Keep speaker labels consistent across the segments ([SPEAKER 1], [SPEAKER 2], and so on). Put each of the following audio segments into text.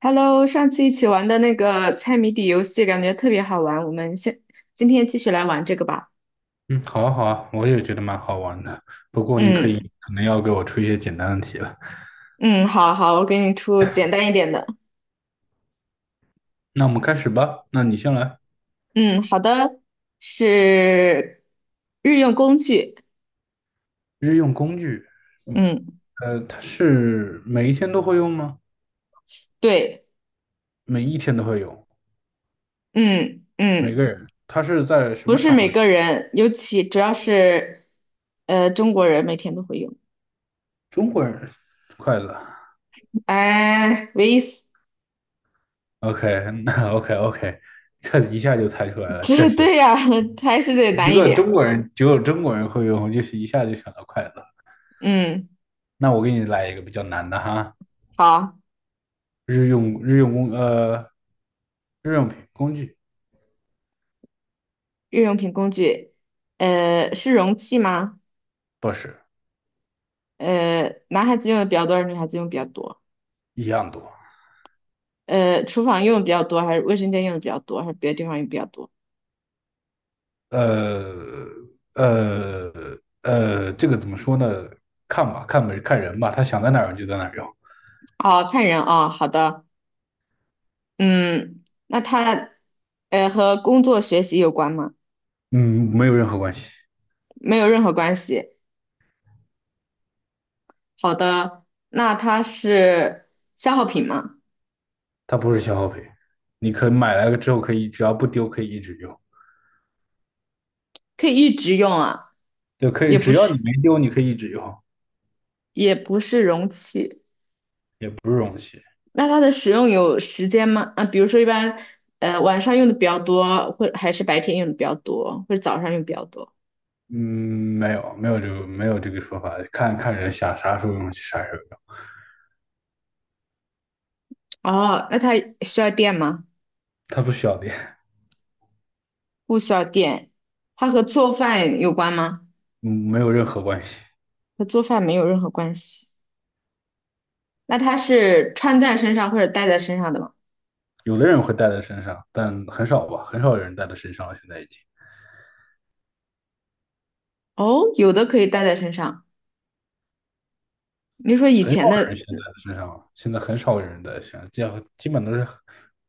[SPEAKER 1] Hello，上次一起玩的那个猜谜底游戏感觉特别好玩，我们先今天继续来玩这个吧。
[SPEAKER 2] 嗯，好啊，好啊，我也觉得蛮好玩的。不过你
[SPEAKER 1] 嗯
[SPEAKER 2] 可能要给我出一些简单的题了。
[SPEAKER 1] 嗯，好好，我给你出简单一点的。
[SPEAKER 2] 那我们开始吧。那你先来。
[SPEAKER 1] 嗯，好的，是日用工具。
[SPEAKER 2] 日用工具，嗯，
[SPEAKER 1] 嗯，
[SPEAKER 2] 它是每一天都会用吗？
[SPEAKER 1] 对，
[SPEAKER 2] 每一天都会用，
[SPEAKER 1] 嗯
[SPEAKER 2] 每个
[SPEAKER 1] 嗯，
[SPEAKER 2] 人。它是在什
[SPEAKER 1] 不
[SPEAKER 2] 么
[SPEAKER 1] 是
[SPEAKER 2] 场
[SPEAKER 1] 每
[SPEAKER 2] 合？
[SPEAKER 1] 个人，尤其主要是中国人每天都会用。
[SPEAKER 2] 中国人，筷子。
[SPEAKER 1] 哎，唯一死
[SPEAKER 2] OK，那 OK，OK，这一下就猜出来 了。确
[SPEAKER 1] 这
[SPEAKER 2] 实，
[SPEAKER 1] 对呀、还是得
[SPEAKER 2] 一
[SPEAKER 1] 难一
[SPEAKER 2] 个
[SPEAKER 1] 点。
[SPEAKER 2] 中国人只有中国人会用，我就是一下就想到筷子了。
[SPEAKER 1] 嗯，
[SPEAKER 2] 那我给你来一个比较难的哈，
[SPEAKER 1] 好，
[SPEAKER 2] 日用日用工呃日用品工具。
[SPEAKER 1] 日用品工具，是容器吗？
[SPEAKER 2] 不是，
[SPEAKER 1] 男孩子用的比较多，还是女孩子用比较多？
[SPEAKER 2] 一样多。
[SPEAKER 1] 厨房用的比较多，还是卫生间用的比较多，还是别的地方用比较多？
[SPEAKER 2] 呃呃这个怎么说呢？看吧，看呗，看人吧，他想在哪儿用就在哪儿用。
[SPEAKER 1] 哦，看人啊，好的，嗯，那他，和工作学习有关吗？
[SPEAKER 2] 嗯，没有任何关系，
[SPEAKER 1] 没有任何关系。好的，那它是消耗品吗？
[SPEAKER 2] 它不是消耗品。你可以买来了之后，可以只要不丢，可以一直用，
[SPEAKER 1] 可以一直用啊，
[SPEAKER 2] 就可以
[SPEAKER 1] 也不
[SPEAKER 2] 只要
[SPEAKER 1] 是，
[SPEAKER 2] 你没丢，你可以一直用，
[SPEAKER 1] 也不是容器。
[SPEAKER 2] 也不是容器。
[SPEAKER 1] 那它的使用有时间吗？啊，比如说一般，晚上用的比较多，或还是白天用的比较多，或者早上用比较多？
[SPEAKER 2] 嗯，没有这个说法，看看人想啥时候用啥时候用。
[SPEAKER 1] 哦，那它需要电吗？
[SPEAKER 2] 它不需要电。
[SPEAKER 1] 不需要电。它和做饭有关吗？
[SPEAKER 2] 嗯，没有任何关系。
[SPEAKER 1] 和做饭没有任何关系。那它是穿在身上或者戴在身上的吗？
[SPEAKER 2] 有的人会带在身上，但很少吧，很少有人带在身上了，现在已经。
[SPEAKER 1] 哦，有的可以戴在身上。你说以
[SPEAKER 2] 很少
[SPEAKER 1] 前的，
[SPEAKER 2] 人现在在身上了，现在很少有人在身上，基本都是，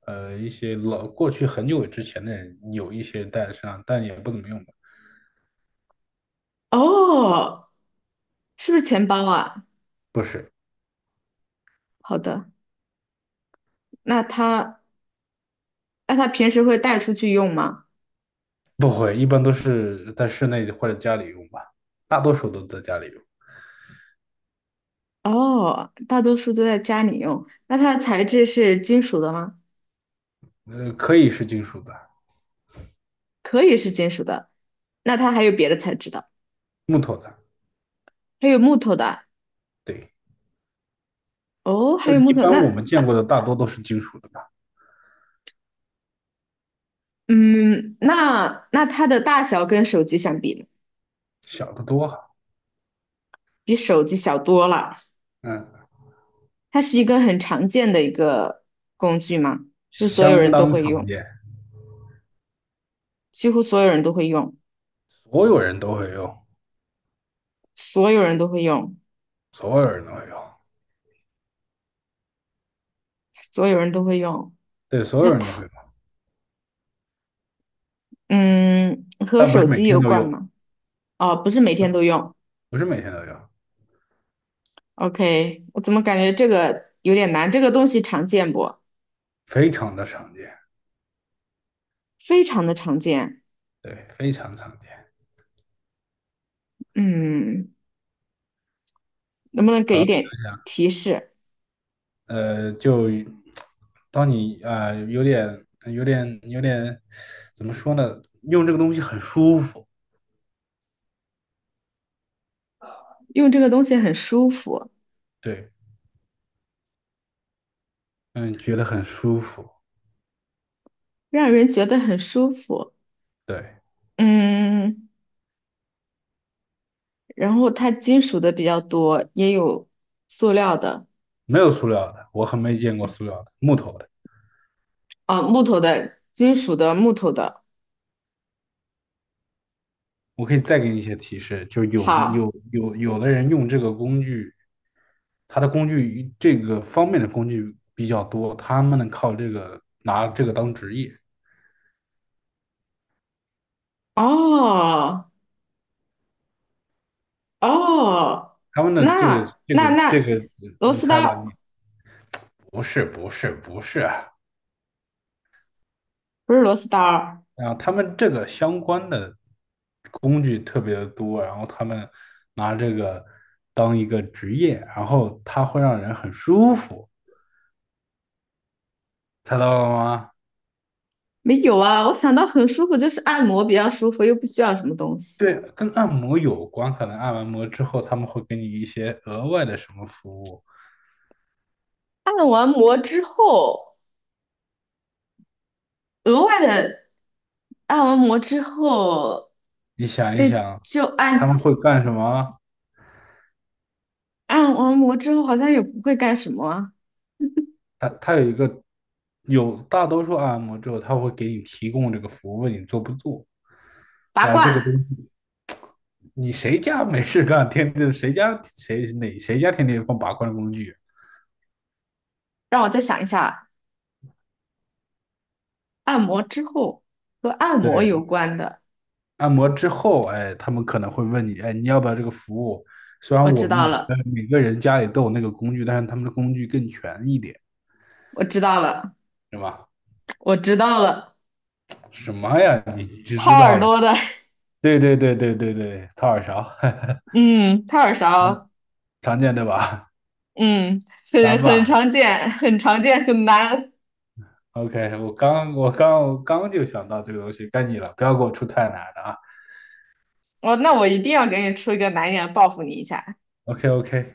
[SPEAKER 2] 呃，一些老过去很久之前的人有一些带在身上，但也不怎么用吧。
[SPEAKER 1] 哦，是不是钱包啊？
[SPEAKER 2] 不是。
[SPEAKER 1] 好的，那它那它平时会带出去用吗？
[SPEAKER 2] 不会，一般都是在室内或者家里用吧，大多数都在家里用。
[SPEAKER 1] 哦，大多数都在家里用。那它的材质是金属的吗？
[SPEAKER 2] 呃，可以是金属的、
[SPEAKER 1] 可以是金属的。那它还有别的材质的，
[SPEAKER 2] 木头的。
[SPEAKER 1] 还有木头的。
[SPEAKER 2] 对，
[SPEAKER 1] 哦，还
[SPEAKER 2] 但
[SPEAKER 1] 有木
[SPEAKER 2] 一
[SPEAKER 1] 头，
[SPEAKER 2] 般我
[SPEAKER 1] 那
[SPEAKER 2] 们见过的大多都是金属的吧。
[SPEAKER 1] 嗯，那它的大小跟手机相比呢
[SPEAKER 2] 小的多哈。
[SPEAKER 1] 比手机小多了。
[SPEAKER 2] 嗯，
[SPEAKER 1] 它是一个很常见的一个工具嘛，就所有
[SPEAKER 2] 相
[SPEAKER 1] 人都
[SPEAKER 2] 当
[SPEAKER 1] 会
[SPEAKER 2] 常
[SPEAKER 1] 用，
[SPEAKER 2] 见，
[SPEAKER 1] 几乎所有人都会用，
[SPEAKER 2] 所有人都会用，
[SPEAKER 1] 所有人都会用，
[SPEAKER 2] 所有人都会用。
[SPEAKER 1] 所有人都会用。
[SPEAKER 2] 对，所
[SPEAKER 1] 那
[SPEAKER 2] 有人都会
[SPEAKER 1] 它，
[SPEAKER 2] 用，
[SPEAKER 1] 嗯，和
[SPEAKER 2] 但不是
[SPEAKER 1] 手
[SPEAKER 2] 每
[SPEAKER 1] 机
[SPEAKER 2] 天
[SPEAKER 1] 有
[SPEAKER 2] 都
[SPEAKER 1] 关
[SPEAKER 2] 用，
[SPEAKER 1] 吗？哦，不是每天都用。
[SPEAKER 2] 不是每天都用。
[SPEAKER 1] OK，我怎么感觉这个有点难？这个东西常见不？
[SPEAKER 2] 非常的常见。
[SPEAKER 1] 非常的常见。
[SPEAKER 2] 对，非常常见。
[SPEAKER 1] 嗯，能不能给
[SPEAKER 2] 好，
[SPEAKER 1] 一点
[SPEAKER 2] 想想。
[SPEAKER 1] 提示？
[SPEAKER 2] 就当你有点、有点怎么说呢？用这个东西很舒服。
[SPEAKER 1] 用这个东西很舒服。
[SPEAKER 2] 对，嗯，觉得很舒服。
[SPEAKER 1] 让人觉得很舒服。
[SPEAKER 2] 对，
[SPEAKER 1] 嗯，然后它金属的比较多，也有塑料的，
[SPEAKER 2] 没有塑料的，我很没见过塑料的，木头的。
[SPEAKER 1] 啊，木头的、金属的、木头的。
[SPEAKER 2] 我可以再给你一些提示，就
[SPEAKER 1] 好，
[SPEAKER 2] 有的人用这个工具，他的工具这个方面的工具比较多，他们能靠这个拿这个当职业。
[SPEAKER 1] 哦哦，
[SPEAKER 2] 他们的
[SPEAKER 1] 那那
[SPEAKER 2] 这
[SPEAKER 1] 那
[SPEAKER 2] 个，
[SPEAKER 1] 螺
[SPEAKER 2] 你
[SPEAKER 1] 丝刀
[SPEAKER 2] 猜吧？你不是啊！
[SPEAKER 1] 不是螺丝刀儿
[SPEAKER 2] 啊他们这个相关的工具特别的多，然后他们拿这个当一个职业，然后它会让人很舒服，猜到了吗？
[SPEAKER 1] 没有啊。我想到很舒服，就是按摩比较舒服，又不需要什么东西。
[SPEAKER 2] 对，跟按摩有关，可能按完摩之后他们会给你一些额外的什么服务。
[SPEAKER 1] 按完摩之后，额外的按完摩之后，
[SPEAKER 2] 你想
[SPEAKER 1] 那
[SPEAKER 2] 一想，
[SPEAKER 1] 就
[SPEAKER 2] 他
[SPEAKER 1] 按
[SPEAKER 2] 们会干什么？
[SPEAKER 1] 按完摩之后好像也不会干什么啊
[SPEAKER 2] 它有一个，有大多数按摩之后，他会给你提供这个服务，问你做不做。
[SPEAKER 1] 拔
[SPEAKER 2] 然后这
[SPEAKER 1] 罐，
[SPEAKER 2] 个东西，你谁家没事干，天天谁家天天放拔罐工具？
[SPEAKER 1] 让我再想一下，按摩之后和按摩
[SPEAKER 2] 对，
[SPEAKER 1] 有关的，
[SPEAKER 2] 按摩之后，哎，他们可能会问你，哎，你要不要这个服务？虽然
[SPEAKER 1] 我
[SPEAKER 2] 我
[SPEAKER 1] 知
[SPEAKER 2] 们
[SPEAKER 1] 道了，
[SPEAKER 2] 每个人家里都有那个工具，但是他们的工具更全一点，
[SPEAKER 1] 我知道了，
[SPEAKER 2] 是吧？
[SPEAKER 1] 我知道了，
[SPEAKER 2] 什么呀？你就
[SPEAKER 1] 掏
[SPEAKER 2] 知道
[SPEAKER 1] 耳
[SPEAKER 2] 了？
[SPEAKER 1] 朵的，
[SPEAKER 2] 对，掏耳勺。
[SPEAKER 1] 嗯，掏耳勺，
[SPEAKER 2] 常见对吧？
[SPEAKER 1] 嗯，很
[SPEAKER 2] 难
[SPEAKER 1] 很
[SPEAKER 2] 吧？
[SPEAKER 1] 常见，很常见，很难。
[SPEAKER 2] OK，我刚就想到这个东西，该你了，不要给我出太难的啊。
[SPEAKER 1] 那我一定要给你出一个难一点报复你一下。
[SPEAKER 2] OK OK，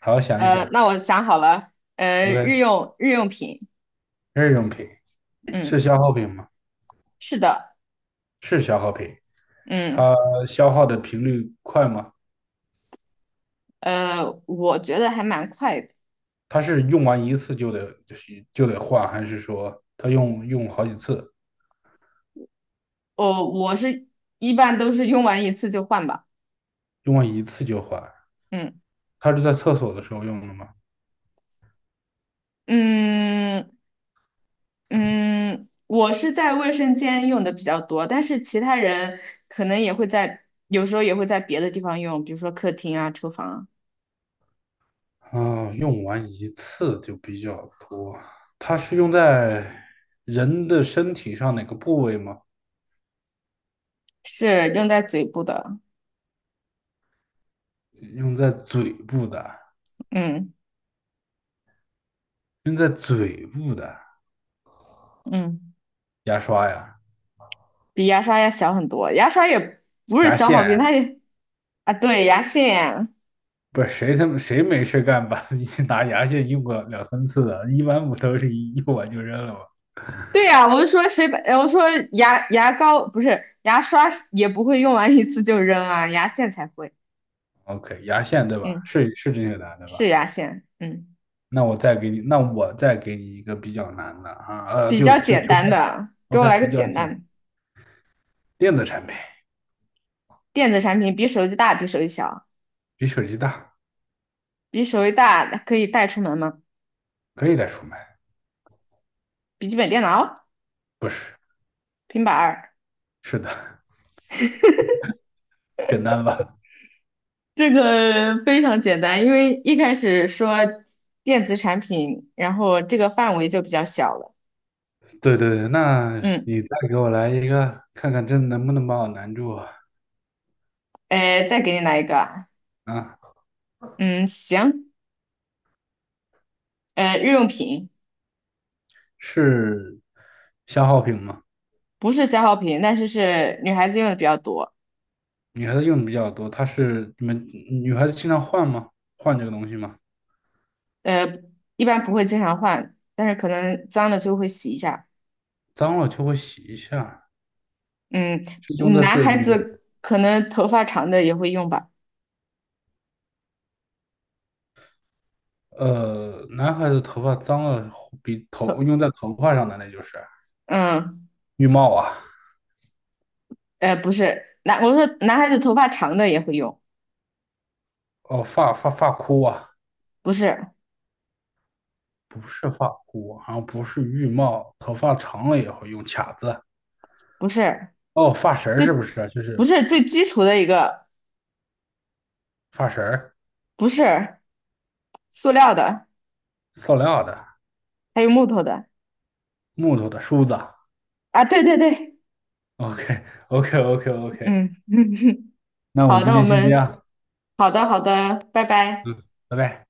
[SPEAKER 2] 好好想一想。
[SPEAKER 1] 那我想好了，日
[SPEAKER 2] OK，
[SPEAKER 1] 用日用品，
[SPEAKER 2] 日用品是
[SPEAKER 1] 嗯，
[SPEAKER 2] 消耗品吗？
[SPEAKER 1] 是的，
[SPEAKER 2] 是消耗品，
[SPEAKER 1] 嗯，
[SPEAKER 2] 它消耗的频率快吗？
[SPEAKER 1] 我觉得还蛮快的，
[SPEAKER 2] 它是用完一次就得换，还是说它用好几次，
[SPEAKER 1] 我是一般都是用完一次就换吧，
[SPEAKER 2] 用完一次就换？
[SPEAKER 1] 嗯。
[SPEAKER 2] 它是在厕所的时候用的吗？
[SPEAKER 1] 嗯嗯，我是在卫生间用的比较多，但是其他人可能也会在，有时候也会在别的地方用，比如说客厅啊、厨房啊，
[SPEAKER 2] 啊、用完一次就比较多。它是用在人的身体上哪个部位吗？
[SPEAKER 1] 是用在嘴部的。
[SPEAKER 2] 用在嘴部的，
[SPEAKER 1] 嗯
[SPEAKER 2] 用在嘴部的
[SPEAKER 1] 嗯，
[SPEAKER 2] 牙刷呀、
[SPEAKER 1] 比牙刷要小很多，牙刷也不是
[SPEAKER 2] 牙
[SPEAKER 1] 消耗
[SPEAKER 2] 线，
[SPEAKER 1] 品，它也啊，对，牙线。
[SPEAKER 2] 不是谁他妈谁没事干把自己拿牙线用过两三次的？一般不都是一用完就扔了吗
[SPEAKER 1] 对呀，我就说谁把，我说牙膏不是牙刷也不会用完一次就扔啊，牙线才会。
[SPEAKER 2] ？OK，牙线对吧？
[SPEAKER 1] 嗯，
[SPEAKER 2] 是是这些难对吧？
[SPEAKER 1] 是牙线，嗯，
[SPEAKER 2] 那我再给你一个比较难的啊，
[SPEAKER 1] 比较简
[SPEAKER 2] 就这
[SPEAKER 1] 单
[SPEAKER 2] 样
[SPEAKER 1] 的，给我
[SPEAKER 2] ，OK，
[SPEAKER 1] 来
[SPEAKER 2] 比
[SPEAKER 1] 个
[SPEAKER 2] 较
[SPEAKER 1] 简
[SPEAKER 2] 简
[SPEAKER 1] 单
[SPEAKER 2] 单，
[SPEAKER 1] 的。
[SPEAKER 2] 电子产品
[SPEAKER 1] 电子产品比手机大，比手机小，
[SPEAKER 2] 比手机大，
[SPEAKER 1] 比手机大可以带出门吗？
[SPEAKER 2] 可以带出门，
[SPEAKER 1] 笔记本电脑、
[SPEAKER 2] 不是，
[SPEAKER 1] 平板儿，
[SPEAKER 2] 是的，简单吧？
[SPEAKER 1] 这个 非常简单，因为一开始说电子产品，然后这个范围就比较小了。
[SPEAKER 2] 对对对，那
[SPEAKER 1] 嗯，
[SPEAKER 2] 你再给我来一个，看看这能不能把我难住
[SPEAKER 1] 再给你来一个啊
[SPEAKER 2] 啊？
[SPEAKER 1] 嗯，行，日用品
[SPEAKER 2] 是消耗品吗？
[SPEAKER 1] 不是消耗品，但是是女孩子用的比较多，
[SPEAKER 2] 女孩子用的比较多，它是你们女孩子经常换吗？换这个东西吗？
[SPEAKER 1] 呃，一般不会经常换，但是可能脏了就会洗一下。
[SPEAKER 2] 脏了就会洗一下，
[SPEAKER 1] 嗯，
[SPEAKER 2] 是用在
[SPEAKER 1] 男
[SPEAKER 2] 自
[SPEAKER 1] 孩
[SPEAKER 2] 女
[SPEAKER 1] 子可能头发长的也会用吧，
[SPEAKER 2] 男孩子头发脏了比头
[SPEAKER 1] 头，
[SPEAKER 2] 用在头发上的那就是
[SPEAKER 1] 嗯。
[SPEAKER 2] 浴帽啊，
[SPEAKER 1] 不是，我说男孩子头发长的也会用，
[SPEAKER 2] 哦发箍啊，
[SPEAKER 1] 不是，
[SPEAKER 2] 不是发箍，好像不是浴帽，头发长了也会用卡子，
[SPEAKER 1] 不是，
[SPEAKER 2] 哦发绳儿
[SPEAKER 1] 最，
[SPEAKER 2] 是不是啊？就
[SPEAKER 1] 不
[SPEAKER 2] 是
[SPEAKER 1] 是最基础的一个，
[SPEAKER 2] 发绳儿，
[SPEAKER 1] 不是塑料的，
[SPEAKER 2] 塑料的、
[SPEAKER 1] 还有木头的
[SPEAKER 2] 木头的梳子。
[SPEAKER 1] 啊，对对对，
[SPEAKER 2] OK OK OK，
[SPEAKER 1] 嗯，
[SPEAKER 2] 那我
[SPEAKER 1] 好，
[SPEAKER 2] 们今
[SPEAKER 1] 那我
[SPEAKER 2] 天先这
[SPEAKER 1] 们，
[SPEAKER 2] 样。
[SPEAKER 1] 好的好的，拜拜。
[SPEAKER 2] 嗯，拜拜。